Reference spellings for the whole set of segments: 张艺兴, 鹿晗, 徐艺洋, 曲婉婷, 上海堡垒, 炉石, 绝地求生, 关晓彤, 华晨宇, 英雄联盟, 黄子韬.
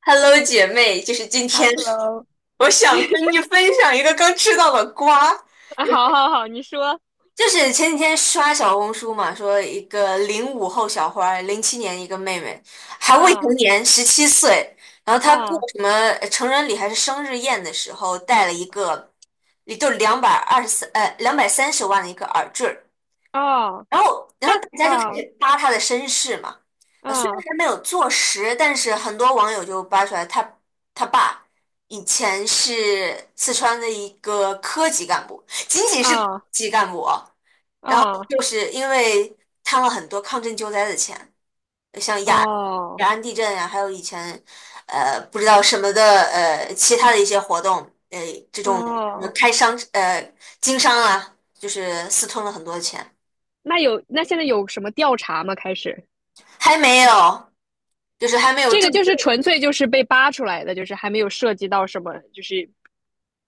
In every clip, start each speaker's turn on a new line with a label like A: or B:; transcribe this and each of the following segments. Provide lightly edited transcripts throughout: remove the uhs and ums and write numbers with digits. A: Hello，姐妹，就是今天，
B: Hello，
A: 我想跟你分享一个刚吃到的瓜，
B: 啊，好好好，你说。
A: 就是前几天刷小红书嘛，说一个05后小花儿，07年一个妹妹，还未成
B: 啊
A: 年，17岁，然后她过
B: 啊
A: 什么成人礼还是生日宴的时候，带了一个，也就223，230万的一个耳坠儿，
B: 哦。
A: 然后，然
B: 那
A: 后大家就开
B: 啊
A: 始扒他的身世嘛。啊，虽然
B: 啊
A: 还没有坐实，但是很多网友就扒出来他爸以前是四川的一个科级干部，仅仅是科
B: 啊
A: 级干部哦，
B: 啊
A: 就是因为贪了很多抗震救灾的钱，像雅安雅
B: 哦
A: 安地震呀、还有以前不知道什么的其他的一些活动，呃这种什么
B: 哦，
A: 经商啊，就是私吞了很多钱，
B: 那有现在有什么调查吗？开始，
A: 还没有。就是还没有
B: 这
A: 正
B: 个
A: 式，
B: 就是纯粹就是被扒出来的，就是还没有涉及到什么，就是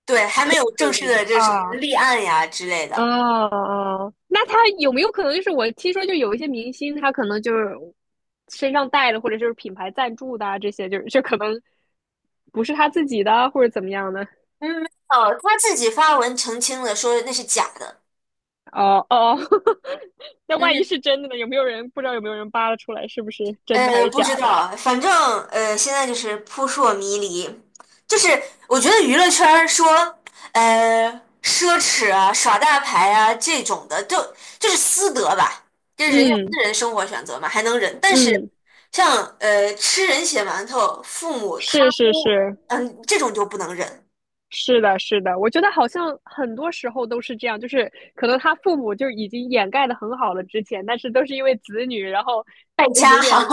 A: 对，还没有正
B: 特
A: 式
B: 别的
A: 的这什么
B: 啊。
A: 立案呀之类的。
B: 啊哦，那他有没有可能就是我听说就有一些明星，他可能就是身上带的，或者就是品牌赞助的啊这些就是就可能不是他自己的，或者怎么样的？
A: 嗯，没有，他自己发文澄清了，说那是假的。
B: 哦哦，那
A: 嗯，
B: 万一是真的呢？有没有人不知道有没有人扒拉出来是不是真的还是
A: 不知
B: 假的？
A: 道，反正现在就是扑朔迷离。就是我觉得娱乐圈儿说，呃，奢侈啊、耍大牌啊这种的，就是私德吧，就是人家私
B: 嗯
A: 人生活选择嘛，还能忍。但是
B: 嗯，
A: 像吃人血馒头、父母贪
B: 是是
A: 污，
B: 是，
A: 嗯，这种就不能忍。
B: 是的，是的，我觉得好像很多时候都是这样，就是可能他父母就已经掩盖的很好了之前，但是都是因为子女，然后
A: 败家
B: 有点，
A: 哈，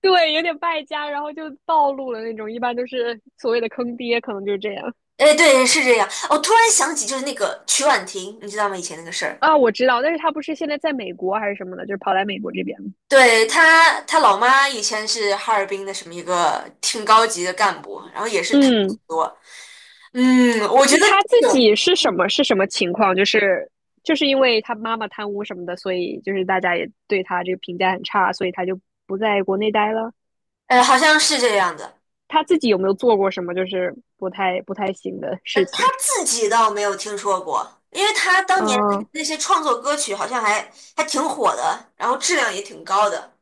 B: 对有点败家，然后就暴露了那种，一般都是所谓的坑爹，可能就是这样。
A: 哎，对，是这样。我突然想起，就是那个曲婉婷，你知道吗？以前那个事儿，
B: 啊，我知道，但是他不是现在在美国还是什么的，就是跑来美国这边。
A: 对，她老妈以前是哈尔滨的什么一个挺高级的干部，然后也是贪很
B: 嗯，
A: 多。嗯，我觉得
B: 他自
A: 有，种，
B: 己是什么情况？就是，就是因为他妈妈贪污什么的，所以就是大家也对他这个评价很差，所以他就不在国内待了。
A: 好像是这样的。
B: 他自己有没有做过什么就是不太行的事
A: 她
B: 情？
A: 自己倒没有听说过，因为她当年
B: 啊
A: 那些创作歌曲好像还挺火的，然后质量也挺高的。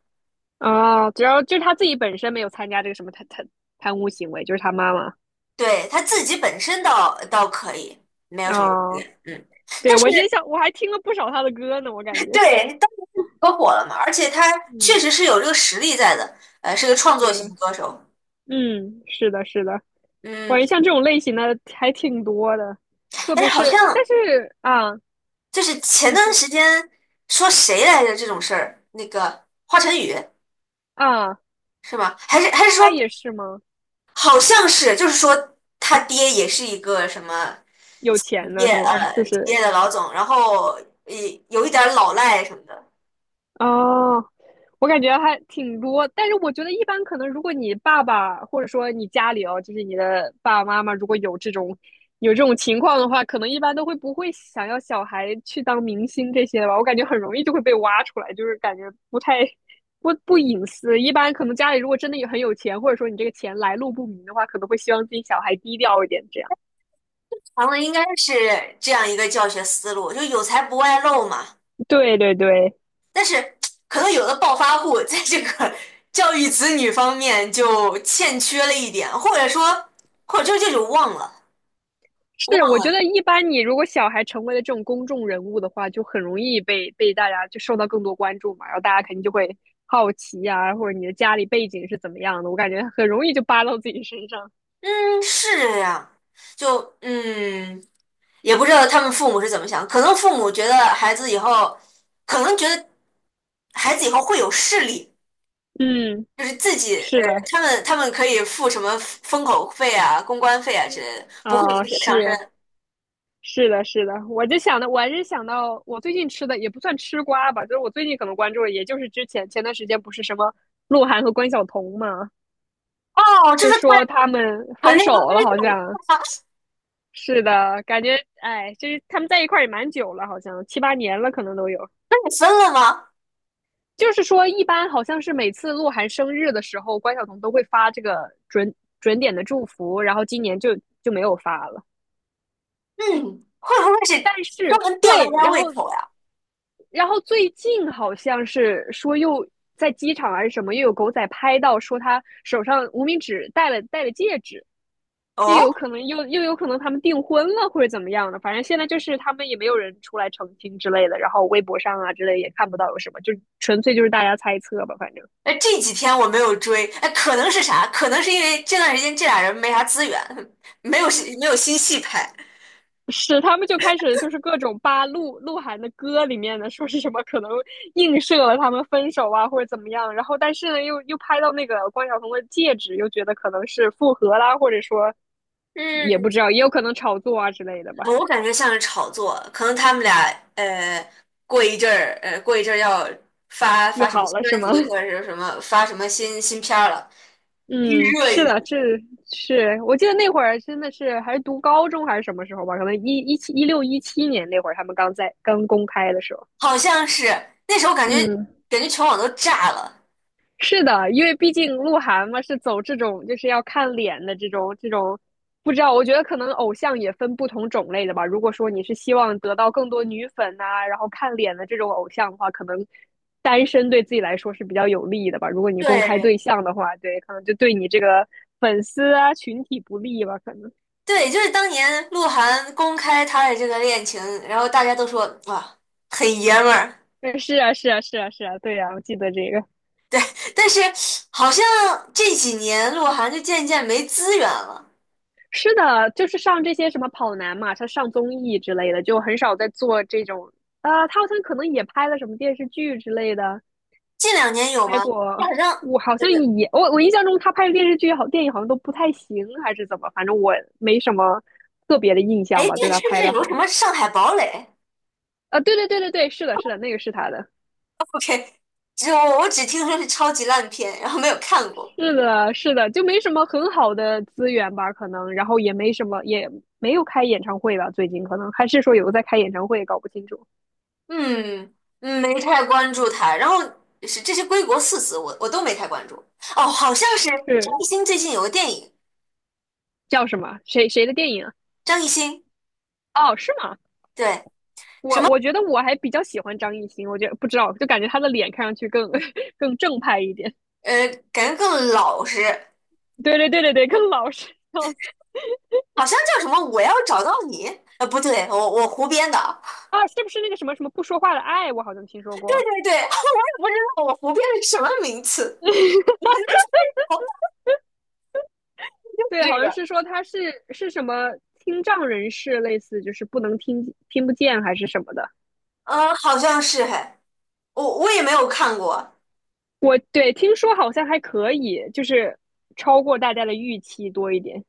B: 啊，主要就是他自己本身没有参加这个什么贪污行为，就是他妈妈。
A: 对，她自己本身倒可以，没有什么问
B: 啊。
A: 题。嗯。
B: 对，
A: 但是
B: 我今天想我还听了不少他的歌呢，我感觉
A: 对，你当时可火了嘛，而且他 确
B: 嗯，
A: 实是有这个实力在的，是个创作型
B: 是，
A: 歌手。
B: 嗯，是的，是的，我
A: 嗯，
B: 感觉像这种类型的还挺多的，特
A: 哎，
B: 别
A: 好
B: 是
A: 像
B: 但是啊，
A: 就是前
B: 你
A: 段
B: 说
A: 时间说谁来着这种事儿，那个华晨宇
B: 啊，
A: 是吗？还是
B: 他
A: 说
B: 也是吗？
A: 好像是，就是说他爹也是一个什么
B: 有
A: 企
B: 钱的
A: 业
B: 是吗？就
A: 呃企业
B: 是
A: 的老总，然后也有一点儿老赖什么的。
B: 哦，我感觉还挺多，但是我觉得一般可能，如果你爸爸或者说你家里哦，就是你的爸爸妈妈，如果有这种，有这种情况的话，可能一般都会不会想要小孩去当明星这些吧？我感觉很容易就会被挖出来，就是感觉不太，不不隐私。一般可能家里如果真的有很有钱，或者说你这个钱来路不明的话，可能会希望自己小孩低调一点，这样。
A: 咱们应该是这样一个教学思路，就有才不外露嘛。
B: 对对对。
A: 但是可能有的暴发户在这个 教育子女方面就欠缺了一点，或者说，或者就这种忘了，忘
B: 是，我
A: 了
B: 觉得一般你如果小孩成为了这种公众人物的话，就很容易被大家就受到更多关注嘛，然后大家肯定就会好奇呀，或者你的家里背景是怎么样的，我感觉很容易就扒到自己身上。
A: 是这样，就也不知道他们父母是怎么想，可能父母觉得孩子以后，可能觉得孩子以后会有势力，
B: 嗯，
A: 就是自己
B: 是的。
A: 他们可以付什么封口费啊、公关费啊之类的，不会
B: 啊、
A: 流水上身。
B: 是是的，是的，我就想到，我最近吃的也不算吃瓜吧，就是我最近可能关注的，也就是之前前段时间不是什么鹿晗和关晓彤嘛，
A: 哦，这
B: 就
A: 是看
B: 说他们
A: 团
B: 分
A: 那个
B: 手了，好
A: 分
B: 像。
A: 手，
B: 是的，感觉哎，就是他们在一块儿也蛮久了，好像七八年了，可能都有。
A: 那你分了吗？
B: 就是说，一般好像是每次鹿晗生日的时候，关晓彤都会发这个准点的祝福，然后今年就，就没有发了。
A: 嗯，会不会是专
B: 是
A: 门
B: 对，
A: 吊大家
B: 然
A: 胃
B: 后，
A: 口呀？
B: 然后最近好像是说又在机场还是什么，又有狗仔拍到说他手上无名指戴了戒指，又有
A: 哦，
B: 可能，有可能他们订婚了或者怎么样的，反正现在就是他们也没有人出来澄清之类的，然后微博上啊之类也看不到有什么，就纯粹就是大家猜测吧，反正。
A: 哎，这几天我没有追，哎，可能是啥？可能是因为这段时间这俩人没啥资源，没有戏没有新戏拍。
B: 是，他们就开始就是各种扒鹿晗的歌里面的，说是什么可能映射了他们分手啊，或者怎么样。然后，但是呢，又拍到那个关晓彤的戒指，又觉得可能是复合啦，或者说也
A: 嗯，
B: 不知道，也有可能炒作啊之类的吧。
A: 我感觉像是炒作，可能他们俩过一阵儿要发
B: 又
A: 发什么
B: 好
A: 新
B: 了是
A: 专
B: 吗？
A: 辑 或者是什么发什么新片儿了，预
B: 嗯，
A: 热
B: 是
A: 一下。
B: 的，这是我记得那会儿真的是还是读高中还是什么时候吧，可能17年那会儿他们刚在刚公开的时候。
A: 好像是那时候感觉
B: 嗯，
A: 感觉全网都炸了。
B: 是的，因为毕竟鹿晗嘛是走这种就是要看脸的这种，不知道，我觉得可能偶像也分不同种类的吧。如果说你是希望得到更多女粉呐、然后看脸的这种偶像的话，可能单身对自己来说是比较有利的吧。如果你公开
A: 对，
B: 对象的话，对，可能就对你这个粉丝啊群体不利吧，可能。
A: 对，就是当年鹿晗公开他的这个恋情，然后大家都说哇，很爷们儿。
B: 对，是啊，是啊，是啊，是啊，对呀、我记得这个。
A: 对，但是好像这几年鹿晗就渐渐没资源了。
B: 是的，就是上这些什么跑男嘛，他上综艺之类的，就很少在做这种。啊、他好像可能也拍了什么电视剧之类的，
A: 近两年有
B: 拍
A: 吗？就
B: 过。
A: 好像，
B: 我好
A: 对
B: 像
A: 对，
B: 也，我印象中他拍的电视剧好，电影好像都不太行，还是怎么？反正我没什么特别的印象
A: 哎，
B: 吧，对
A: 对，
B: 他
A: 是不
B: 拍
A: 是
B: 的
A: 有
B: 好
A: 什
B: 像。
A: 么《上海堡垒》
B: 啊，对对对对对，是的，是的，那个是他的，
A: ？OK，我只听说是超级烂片，然后没有看过。
B: 是的，是的，就没什么很好的资源吧，可能，然后也没什么，也没有开演唱会吧，最近可能还是说有个在开演唱会，搞不清楚。
A: 嗯，没太关注他。然后是这些归国四子，我都没太关注。哦，好像是张
B: 是，
A: 艺兴最近有个电影，
B: 叫什么？谁的电影啊？
A: 张艺兴
B: 哦，是吗？
A: 对。什
B: 我
A: 么？
B: 我觉得我还比较喜欢张艺兴，我觉得不知道，就感觉他的脸看上去更，更正派一点。
A: 感觉更老实，
B: 对对对对对，更老实。笑死。
A: 好像叫什么"我要找到你"？不对，我胡编的，
B: 啊，是不是那个什么不说话的爱？我好像听说
A: 对
B: 过。
A: 对对，我也不知道我胡编的是什么名词，你还能猜到
B: 对，好
A: 这
B: 像
A: 个？
B: 是说他是什么听障人士，类似就是不能听，听不见还是什么的。
A: 嗯，好像是嘿，我也没有看过，
B: 我对听说好像还可以，就是超过大家的预期多一点。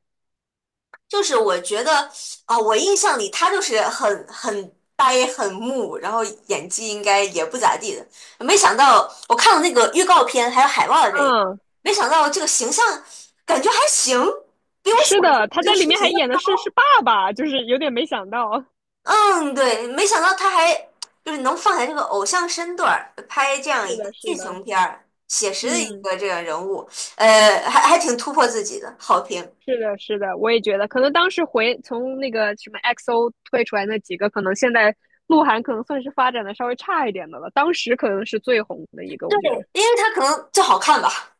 A: 就是我觉得啊，我印象里他就是很呆很木，然后演技应该也不咋地的，没想到我看了那个预告片还有海报的这一，
B: 嗯，
A: 没想到这个形象感觉还行，比我想
B: 是
A: 象
B: 的，他
A: 的这个
B: 在
A: 水
B: 里面
A: 平
B: 还
A: 要
B: 演的是，是
A: 高。
B: 爸爸，就是有点没想到。
A: 嗯，对，没想到他还就是能放下这个偶像身段儿，拍这样
B: 是
A: 一个
B: 的，是
A: 剧
B: 的。
A: 情片儿，写实的一
B: 嗯，
A: 个这个人物，还挺突破自己的，好评，
B: 是的，是的，我也觉得，可能当时回从那个什么 XO 推出来那几个，可能现在鹿晗可能算是发展的稍微差一点的了，当时可能是最红的一个，我觉得
A: 因为他可能就好看吧。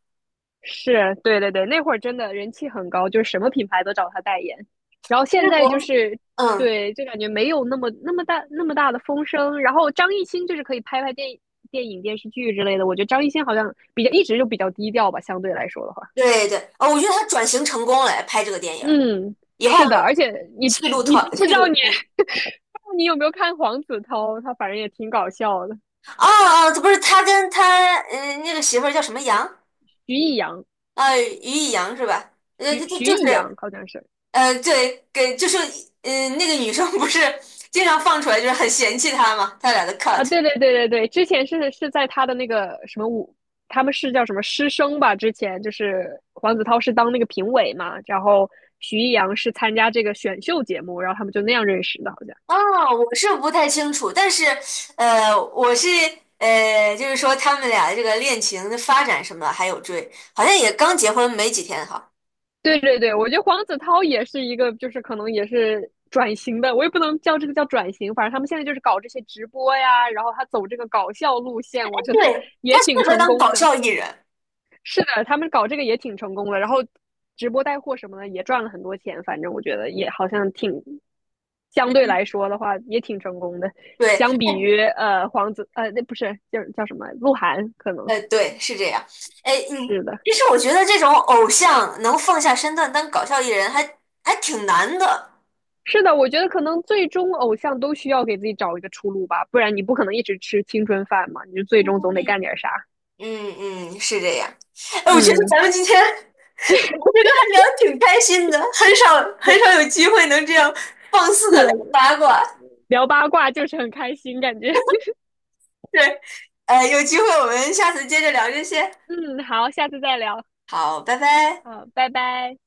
B: 是，对对对，那会儿真的人气很高，就是什么品牌都找他代言，然后现
A: 因
B: 在
A: 国，
B: 就是
A: 嗯，
B: 对，就感觉没有那么大的风声，然后张艺兴就是可以拍拍电影。电影、电视剧之类的，我觉得张艺兴好像比较一直就比较低调吧，相对来说的话。
A: 对对，哦，我觉得他转型成功了，拍这个电影儿
B: 嗯，
A: 以后
B: 是的，而且你，不知
A: 戏
B: 道
A: 路
B: 你
A: 通。
B: 不知道你有没有看黄子韬，他反正也挺搞笑的。
A: 哦哦，这不是他跟他那个媳妇儿叫什么杨
B: 徐艺洋，
A: 啊、于一杨是吧？就就
B: 徐
A: 就
B: 艺洋
A: 是
B: 好像是。
A: 对，给就是，那个女生不是 经常放出来，就是很嫌弃他嘛，他俩的
B: 啊，
A: cut。
B: 对对对对对，之前是，是在他的那个什么舞，他们是叫什么师生吧？之前就是黄子韬是当那个评委嘛，然后徐艺洋是参加这个选秀节目，然后他们就那样认识的，好像。
A: 哦，我是不太清楚，但是，我是就是说他们俩的这个恋情的发展什么的还有追，好像也刚结婚没几天哈。
B: 对对对，我觉得黄子韬也是一个，就是可能也是转型的，我也不能叫这个叫转型，反正他们现在就是搞这些直播呀，然后他走这个搞笑路线，我觉得
A: 对，他
B: 也
A: 适
B: 挺
A: 合
B: 成
A: 当
B: 功
A: 搞
B: 的。
A: 笑艺人。
B: 是的，他们搞这个也挺成功的，然后直播带货什么的也赚了很多钱，反正我觉得也好像挺，相
A: 嗯，
B: 对来说的话也挺成功的，
A: 对，
B: 相比于那不是叫什么鹿晗，可能
A: 对，是这样。哎，
B: 是的，
A: 其实我觉得这种偶像能放下身段当搞笑艺人还挺难的。
B: 是的，我觉得可能最终偶像都需要给自己找一个出路吧，不然你不可能一直吃青春饭嘛，你就最终总得干
A: 嗯
B: 点啥。
A: 嗯嗯，是这样。哎，我觉得
B: 嗯，
A: 咱们今天聊这个还聊得挺开心的，很少很少有机会能这样放肆
B: 是
A: 的
B: 的，
A: 聊八卦。
B: 聊八卦就是很开心，感觉。
A: 对，有机会我们下次接着聊这些。
B: 嗯，好，下次再聊。
A: 好，拜拜。
B: 好，拜拜。